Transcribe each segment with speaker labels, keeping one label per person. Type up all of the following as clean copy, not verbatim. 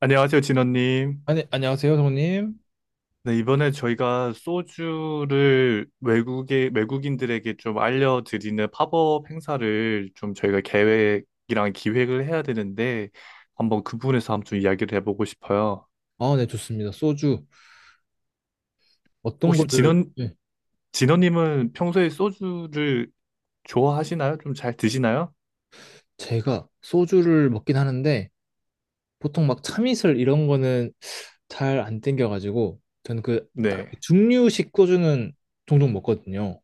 Speaker 1: 안녕하세요, 진원님.
Speaker 2: 아니, 안녕하세요, 성님.
Speaker 1: 네, 이번에 저희가 소주를 외국에, 외국인들에게 좀 알려드리는 팝업 행사를 좀 저희가 계획이랑 기획을 해야 되는데, 한번 그 부분에서 한번 좀 이야기를 해보고 싶어요.
Speaker 2: 아, 네, 좋습니다. 소주. 어떤
Speaker 1: 혹시
Speaker 2: 거를, 네.
Speaker 1: 진원님은 평소에 소주를 좋아하시나요? 좀 잘 드시나요?
Speaker 2: 제가 소주를 먹긴 하는데, 보통 막 참이슬 이런 거는 잘 안 땡겨가지고, 저는 그, 딱
Speaker 1: 네.
Speaker 2: 중류식 소주는 종종 먹거든요.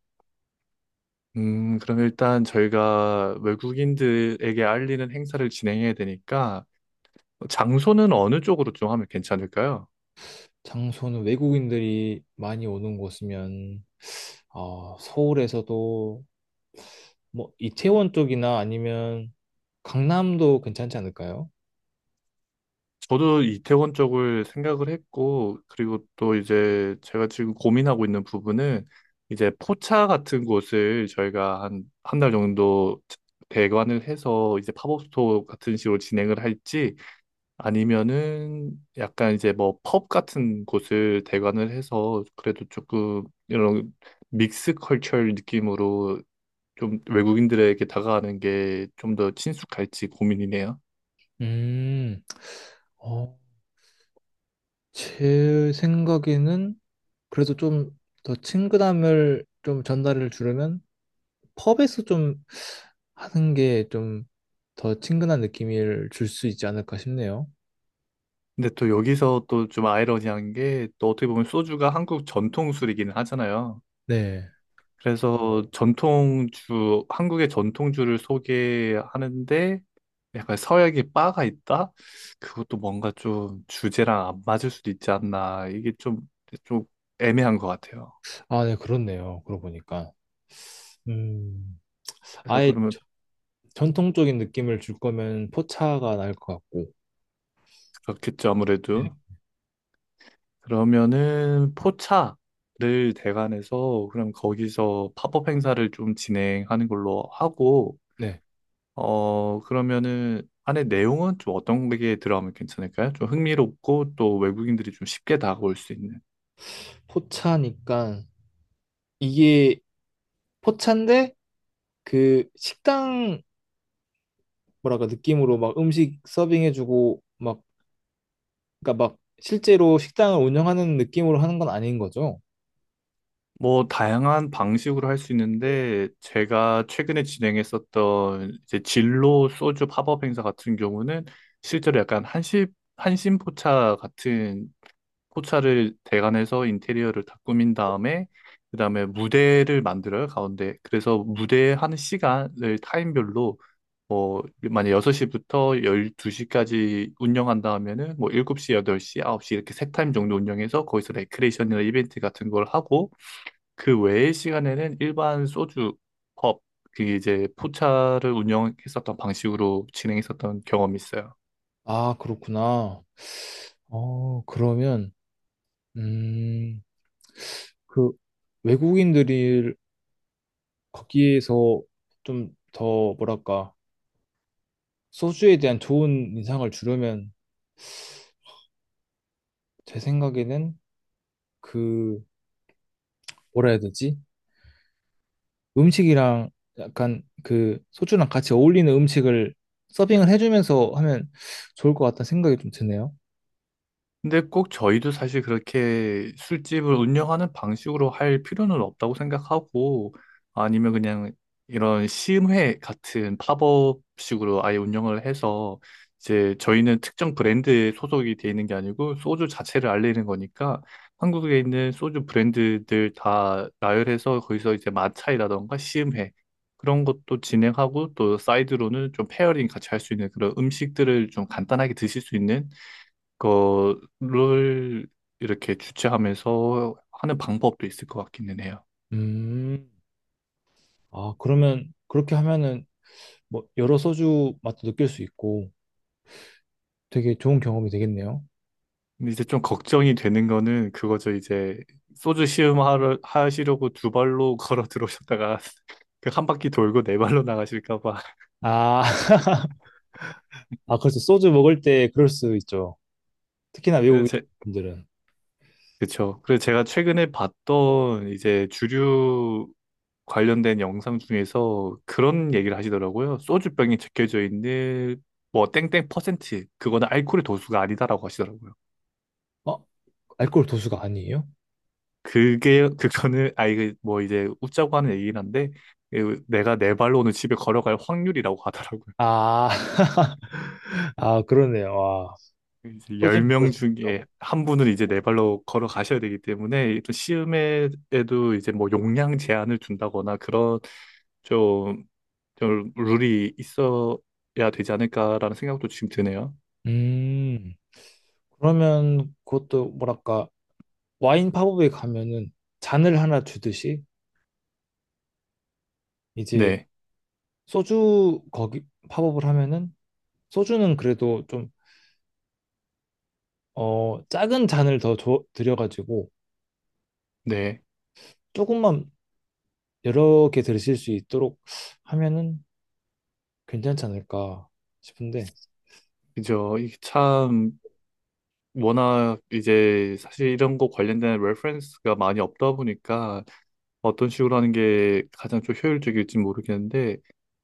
Speaker 1: 그럼 일단 저희가 외국인들에게 알리는 행사를 진행해야 되니까, 장소는 어느 쪽으로 좀 하면 괜찮을까요?
Speaker 2: 장소는 외국인들이 많이 오는 곳이면, 어, 서울에서도, 뭐, 이태원 쪽이나 아니면 강남도 괜찮지 않을까요?
Speaker 1: 저도 이태원 쪽을 생각을 했고, 그리고 또 이제 제가 지금 고민하고 있는 부분은 이제 포차 같은 곳을 저희가 한, 한 달 정도 대관을 해서 이제 팝업 스토어 같은 식으로 진행을 할지 아니면은 약간 이제 뭐 펍 같은 곳을 대관을 해서 그래도 조금 이런 믹스 컬처 느낌으로 좀 외국인들에게 다가가는 게 좀 더 친숙할지 고민이네요.
Speaker 2: 음, 어, 제 생각에는 그래도 좀 더 친근함을 좀 전달을 주려면 펍에서 좀 하는 게 좀 더 친근한 느낌을 줄 수 있지 않을까 싶네요.
Speaker 1: 근데 또 여기서 또 좀 아이러니한 게 또 어떻게 보면 소주가 한국 전통술이기는 하잖아요.
Speaker 2: 네.
Speaker 1: 그래서 전통주, 한국의 전통주를 소개하는데 약간 서양의 바가 있다? 그것도 뭔가 좀 주제랑 안 맞을 수도 있지 않나. 이게 좀, 좀 애매한 것 같아요.
Speaker 2: 아, 네, 그렇네요. 그러고 보니까. 음,
Speaker 1: 그래서
Speaker 2: 아예
Speaker 1: 그러면
Speaker 2: 전통적인 느낌을 줄 거면 포차가 나을 것 같고.
Speaker 1: 그렇겠죠,
Speaker 2: 네.
Speaker 1: 아무래도. 그러면은 포차를 대관해서 그럼 거기서 팝업 행사를 좀 진행하는 걸로 하고
Speaker 2: 네.
Speaker 1: 어, 그러면은 안에 내용은 좀 어떤 게 들어가면 괜찮을까요? 좀 흥미롭고 또 외국인들이 좀 쉽게 다가올 수 있는.
Speaker 2: 포차니까 이게 포차인데 그 식당 뭐랄까 느낌으로 막 음식 서빙해주고 막 그러니까 막 실제로 식당을 운영하는 느낌으로 하는 건 아닌 거죠?
Speaker 1: 뭐 다양한 방식으로 할 수 있는데 제가 최근에 진행했었던 이제 진로 소주 팝업 행사 같은 경우는 실제로 약간 한시 한심포차 같은 포차를 대관해서 인테리어를 다 꾸민 다음에 그다음에 무대를 만들어요, 가운데. 그래서 무대 하는 시간을 타임별로 뭐 만약 6시부터 12시까지 운영한다 하면은 뭐 7시, 8시, 9시 이렇게 세 타임 정도 운영해서 거기서 레크레이션이나 이벤트 같은 걸 하고 그 외의 시간에는 일반 소주 펍, 그게 이제 포차를 운영했었던 방식으로 진행했었던 경험이 있어요.
Speaker 2: 아, 그렇구나. 그러면, 음, 그 외국인들이 거기에서 좀 더 뭐랄까, 소주에 대한 좋은 인상을 주려면 제 생각에는 그, 뭐라 해야 되지? 음식이랑 약간 그 소주랑 같이 어울리는 음식을 서빙을 해주면서 하면 좋을 것 같다는 생각이 좀 드네요.
Speaker 1: 근데 꼭 저희도 사실 그렇게 술집을 운영하는 방식으로 할 필요는 없다고 생각하고 아니면 그냥 이런 시음회 같은 팝업식으로 아예 운영을 해서 이제 저희는 특정 브랜드에 소속이 돼 있는 게 아니고 소주 자체를 알리는 거니까 한국에 있는 소주 브랜드들 다 나열해서 거기서 이제 마차이라던가 시음회 그런 것도 진행하고 또 사이드로는 좀 페어링 같이 할 수 있는 그런 음식들을 좀 간단하게 드실 수 있는 거를 이렇게 주최하면서 하는 방법도 있을 것 같기는 해요.
Speaker 2: 음, 아, 그러면 그렇게 하면은 뭐 여러 소주 맛도 느낄 수 있고 되게 좋은 경험이 되겠네요.
Speaker 1: 근데 이제 좀 걱정이 되는 거는 그거죠. 이제 소주 시음 하시려고 두 발로 걸어 들어오셨다가 그 한 바퀴 돌고 네 발로 나가실까 봐.
Speaker 2: 아, 아 그래서 소주 먹을 때 그럴 수 있죠. 특히나
Speaker 1: 그래서 제,
Speaker 2: 외국인들은
Speaker 1: 그쵸. 그래서 제가 최근에 봤던 이제 주류 관련된 영상 중에서 그런 얘기를 하시더라고요. 소주병에 적혀져 있는 뭐 땡땡 퍼센트 그거는 알코올의 도수가 아니다라고 하시더라고요.
Speaker 2: 어? 알코올 도수가 아니에요?
Speaker 1: 그게 그거는 아 이게 뭐 이제 웃자고 하는 얘기긴 한데 그 내가 네 발로 오늘 집에 걸어갈 확률이라고 하더라고요.
Speaker 2: 아, 아 그러네요. 와,
Speaker 1: 이제
Speaker 2: 소주 먹을
Speaker 1: 10명
Speaker 2: 수 있죠.
Speaker 1: 중에 한 분은 이제 네 발로 걸어가셔야 되기 때문에 또 시음에도 이제 뭐 용량 제한을 둔다거나 그런 좀, 좀 룰이 있어야 되지 않을까라는 생각도 지금 드네요.
Speaker 2: 음, 그러면 그것도 뭐랄까 와인 팝업에 가면은 잔을 하나 주듯이 이제
Speaker 1: 네,
Speaker 2: 소주 거기 팝업을 하면은 소주는 그래도 좀 어, 작은 잔을 더 줘, 드려가지고
Speaker 1: 네.
Speaker 2: 조금만 여러 개 들으실 수 있도록 하면은 괜찮지 않을까 싶은데,
Speaker 1: 그죠. 이게 참 워낙 이제 사실 이런 거 관련된 레퍼런스가 많이 없다 보니까 어떤 식으로 하는 게 가장 좀 효율적일지 모르겠는데,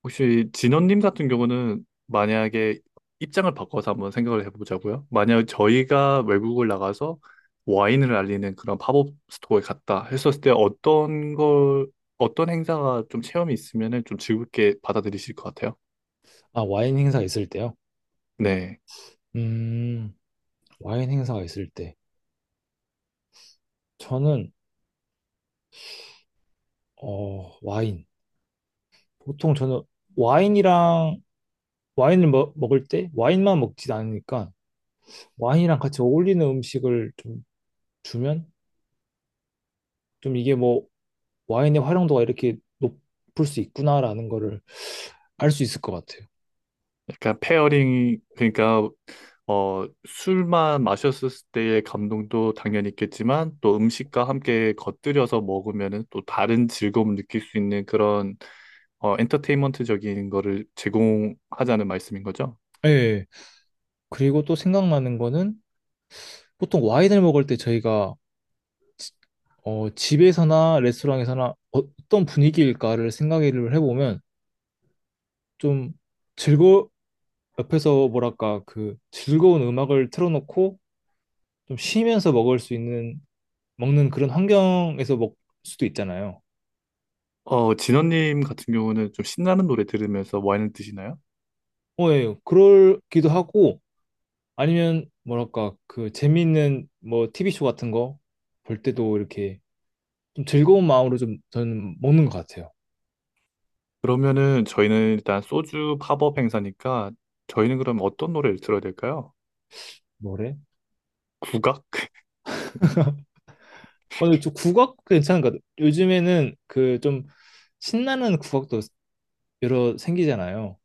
Speaker 1: 혹시 진원님 같은 경우는 만약에 입장을 바꿔서 한번 생각을 해보자고요. 만약 저희가 외국을 나가서 와인을 알리는 그런 팝업 스토어에 갔다 했었을 때 어떤 걸, 어떤 행사가 좀 체험이 있으면은 좀 즐겁게 받아들이실 것 같아요?
Speaker 2: 아, 와인 행사 있을 때요?
Speaker 1: 네.
Speaker 2: 음, 와인 행사가 있을 때. 저는, 어, 와인. 보통 저는 와인이랑, 와인을 먹을 때 와인만 먹진 않으니까 와인이랑 같이 어울리는 음식을 좀 주면 좀 이게 뭐 와인의 활용도가 이렇게 높을 수 있구나라는 거를 알 수 있을 것 같아요.
Speaker 1: 약간 페어링이 그러니까 어 술만 마셨을 때의 감동도 당연히 있겠지만 또 음식과 함께 곁들여서 먹으면은 또 다른 즐거움을 느낄 수 있는 그런 어 엔터테인먼트적인 거를 제공하자는 말씀인 거죠.
Speaker 2: 예. 그리고 또 생각나는 거는 보통 와인을 먹을 때 저희가 어, 집에서나 레스토랑에서나 어떤 분위기일까를 생각을 해보면 좀 즐거, 옆에서 뭐랄까 그 즐거운 음악을 틀어놓고 좀 쉬면서 먹을 수 있는, 먹는 그런 환경에서 먹을 수도 있잖아요.
Speaker 1: 어 진원님 같은 경우는 좀 신나는 노래 들으면서 와인을 드시나요?
Speaker 2: 어, 예, 그럴기도 하고 아니면 뭐랄까 그 재미있는 뭐 TV쇼 같은 거 볼 때도 이렇게 좀 즐거운 마음으로 좀 저는 먹는 것 같아요.
Speaker 1: 그러면은 저희는 일단 소주 팝업 행사니까 저희는 그럼 어떤 노래를 들어야 될까요?
Speaker 2: 뭐래?
Speaker 1: 국악?
Speaker 2: 오늘 좀 국악 괜찮은 것 같아요. 요즘에는 그 좀 신나는 국악도 여러 생기잖아요.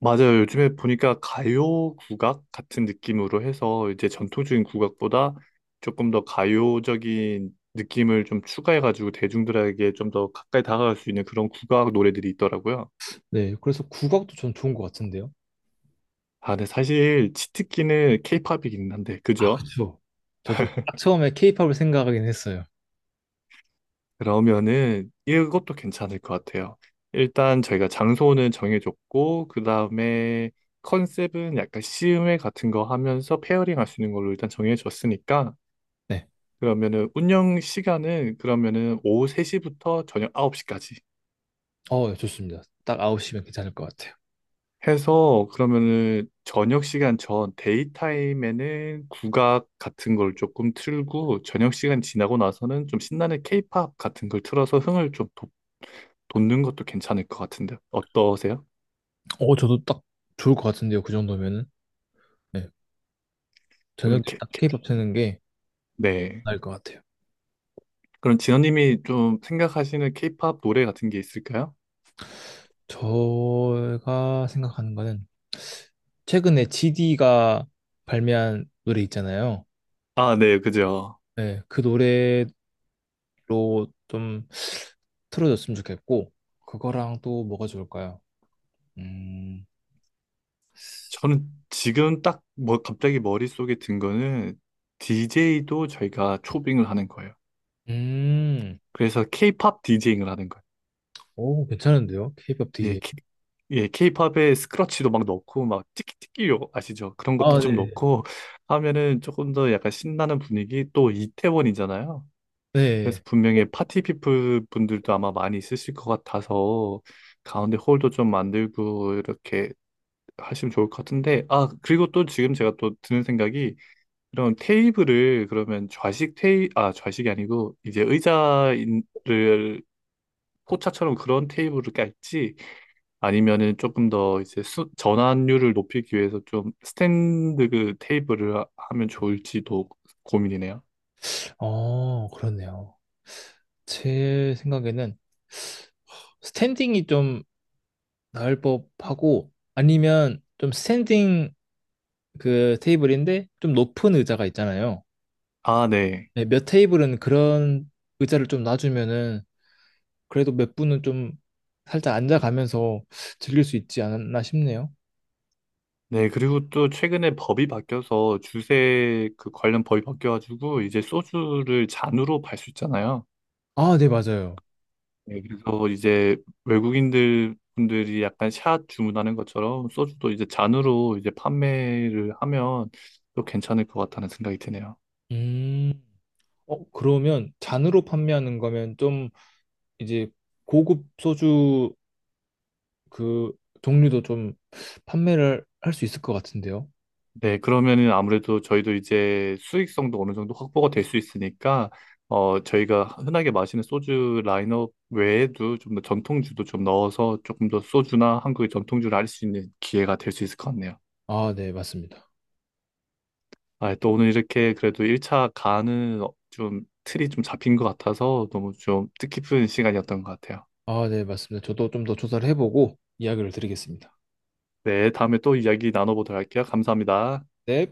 Speaker 1: 맞아요. 요즘에 보니까 가요 국악 같은 느낌으로 해서 이제 전통적인 국악보다 조금 더 가요적인 느낌을 좀 추가해가지고 대중들에게 좀 더 가까이 다가갈 수 있는 그런 국악 노래들이 있더라고요.
Speaker 2: 네, 그래서 국악도 전 좋은 것 같은데요.
Speaker 1: 아, 근데 사실 치트키는 케이팝이긴 한데,
Speaker 2: 아, 그렇
Speaker 1: 그죠?
Speaker 2: 죠 저도 딱 처음에 케이팝을 생각하긴 했어요.
Speaker 1: 그러면은 이것도 괜찮을 것 같아요. 일단 저희가 장소는 정해줬고, 그 다음에 컨셉은 약간 시음회 같은 거 하면서 페어링 할 수 있는 걸로 일단 정해줬으니까,
Speaker 2: 네,
Speaker 1: 그러면은 운영 시간은 그러면은 오후 3시부터 저녁 9시까지
Speaker 2: 어, 좋습니다. 딱 9시면 괜찮을 것 같아요.
Speaker 1: 해서 그러면은 저녁 시간 전 데이 타임에는 국악 같은 걸 조금 틀고 저녁 시간 지나고 나서는 좀 신나는 케이팝 같은 걸 틀어서 흥을 좀 돋- 는 것도 괜찮을 것 같은데 어떠세요?
Speaker 2: 어, 저도 딱 좋을 것 같은데요. 그 정도면은. 네, 저녁에
Speaker 1: 이렇게
Speaker 2: 딱 케이팝 트는 게
Speaker 1: 네.
Speaker 2: 나을 것 같아요.
Speaker 1: 그럼 진호님이 좀 생각하시는 케이팝 노래 같은 게 있을까요?
Speaker 2: 제가 생각하는 거는 최근에 GD가 발매한 노래 있잖아요.
Speaker 1: 아, 네, 그죠.
Speaker 2: 네, 그 노래 로 좀 틀어줬으면 좋겠고 그거랑 또 뭐가 좋을까요? 음,
Speaker 1: 저는 지금 딱 뭐 갑자기 머릿속에 든 거는 DJ도 저희가 초빙을 하는 거예요.
Speaker 2: 음,
Speaker 1: 그래서 K-pop 제잉을 하는 거예요.
Speaker 2: 오 괜찮은데요? K-pop
Speaker 1: 예,
Speaker 2: DJ.
Speaker 1: K, 예, K-pop에 스크러치도 막 넣고 막 띠끼띠끼요 아시죠? 그런 것도
Speaker 2: 아, 네.
Speaker 1: 좀 넣고 하면은 조금 더 약간 신나는 분위기 또 이태원이잖아요. 그래서
Speaker 2: 네.
Speaker 1: 분명히 파티 피플 분들도 아마 많이 있으실 것 같아서 가운데 홀도 좀 만들고 이렇게 하시면 좋을 것 같은데 아 그리고 또 지금 제가 또 드는 생각이 그럼 테이블을 그러면 좌식 테이 아 좌식이 아니고 이제 의자를 포차처럼 그런 테이블을 깔지 아니면은 조금 더 이제 전환율을 높이기 위해서 좀 스탠드 그 테이블을 하- 하면 좋을지도 고민이네요.
Speaker 2: 어, 그렇네요. 제 생각에는 스탠딩이 좀 나을 법하고 아니면 좀 스탠딩 그 테이블인데 좀 높은 의자가 있잖아요.
Speaker 1: 아, 네.
Speaker 2: 네, 몇 테이블은 그런 의자를 좀 놔주면은 그래도 몇 분은 좀 살짝 앉아가면서 즐길 수 있지 않았나 싶네요.
Speaker 1: 네, 그리고 또 최근에 법이 바뀌어서 주세 그 관련 법이 바뀌어가지고 이제 소주를 잔으로 팔 수 있잖아요.
Speaker 2: 아, 네, 맞아요.
Speaker 1: 네, 그래서 이제 외국인들 분들이 약간 샷 주문하는 것처럼 소주도 이제 잔으로 이제 판매를 하면 또 괜찮을 것 같다는 생각이 드네요.
Speaker 2: 음, 어, 그러면 잔으로 판매하는 거면 좀 이제 고급 소주 그 종류도 좀 판매를 할 수 있을 것 같은데요.
Speaker 1: 네, 그러면은 아무래도 저희도 이제 수익성도 어느 정도 확보가 될 수 있으니까 어 저희가 흔하게 마시는 소주 라인업 외에도 좀 더 전통주도 좀 넣어서 조금 더 소주나 한국의 전통주를 알 수 있는 기회가 될 수 있을 것 같네요.
Speaker 2: 아, 네, 맞습니다.
Speaker 1: 아, 또 오늘 이렇게 그래도 1차 가는 어, 좀 틀이 좀 잡힌 것 같아서 너무 좀 뜻깊은 시간이었던 것 같아요.
Speaker 2: 아, 네, 맞습니다. 저도 좀 더 조사를 해보고 이야기를 드리겠습니다.
Speaker 1: 네, 다음에 또 이야기 나눠보도록 할게요. 감사합니다.
Speaker 2: 네.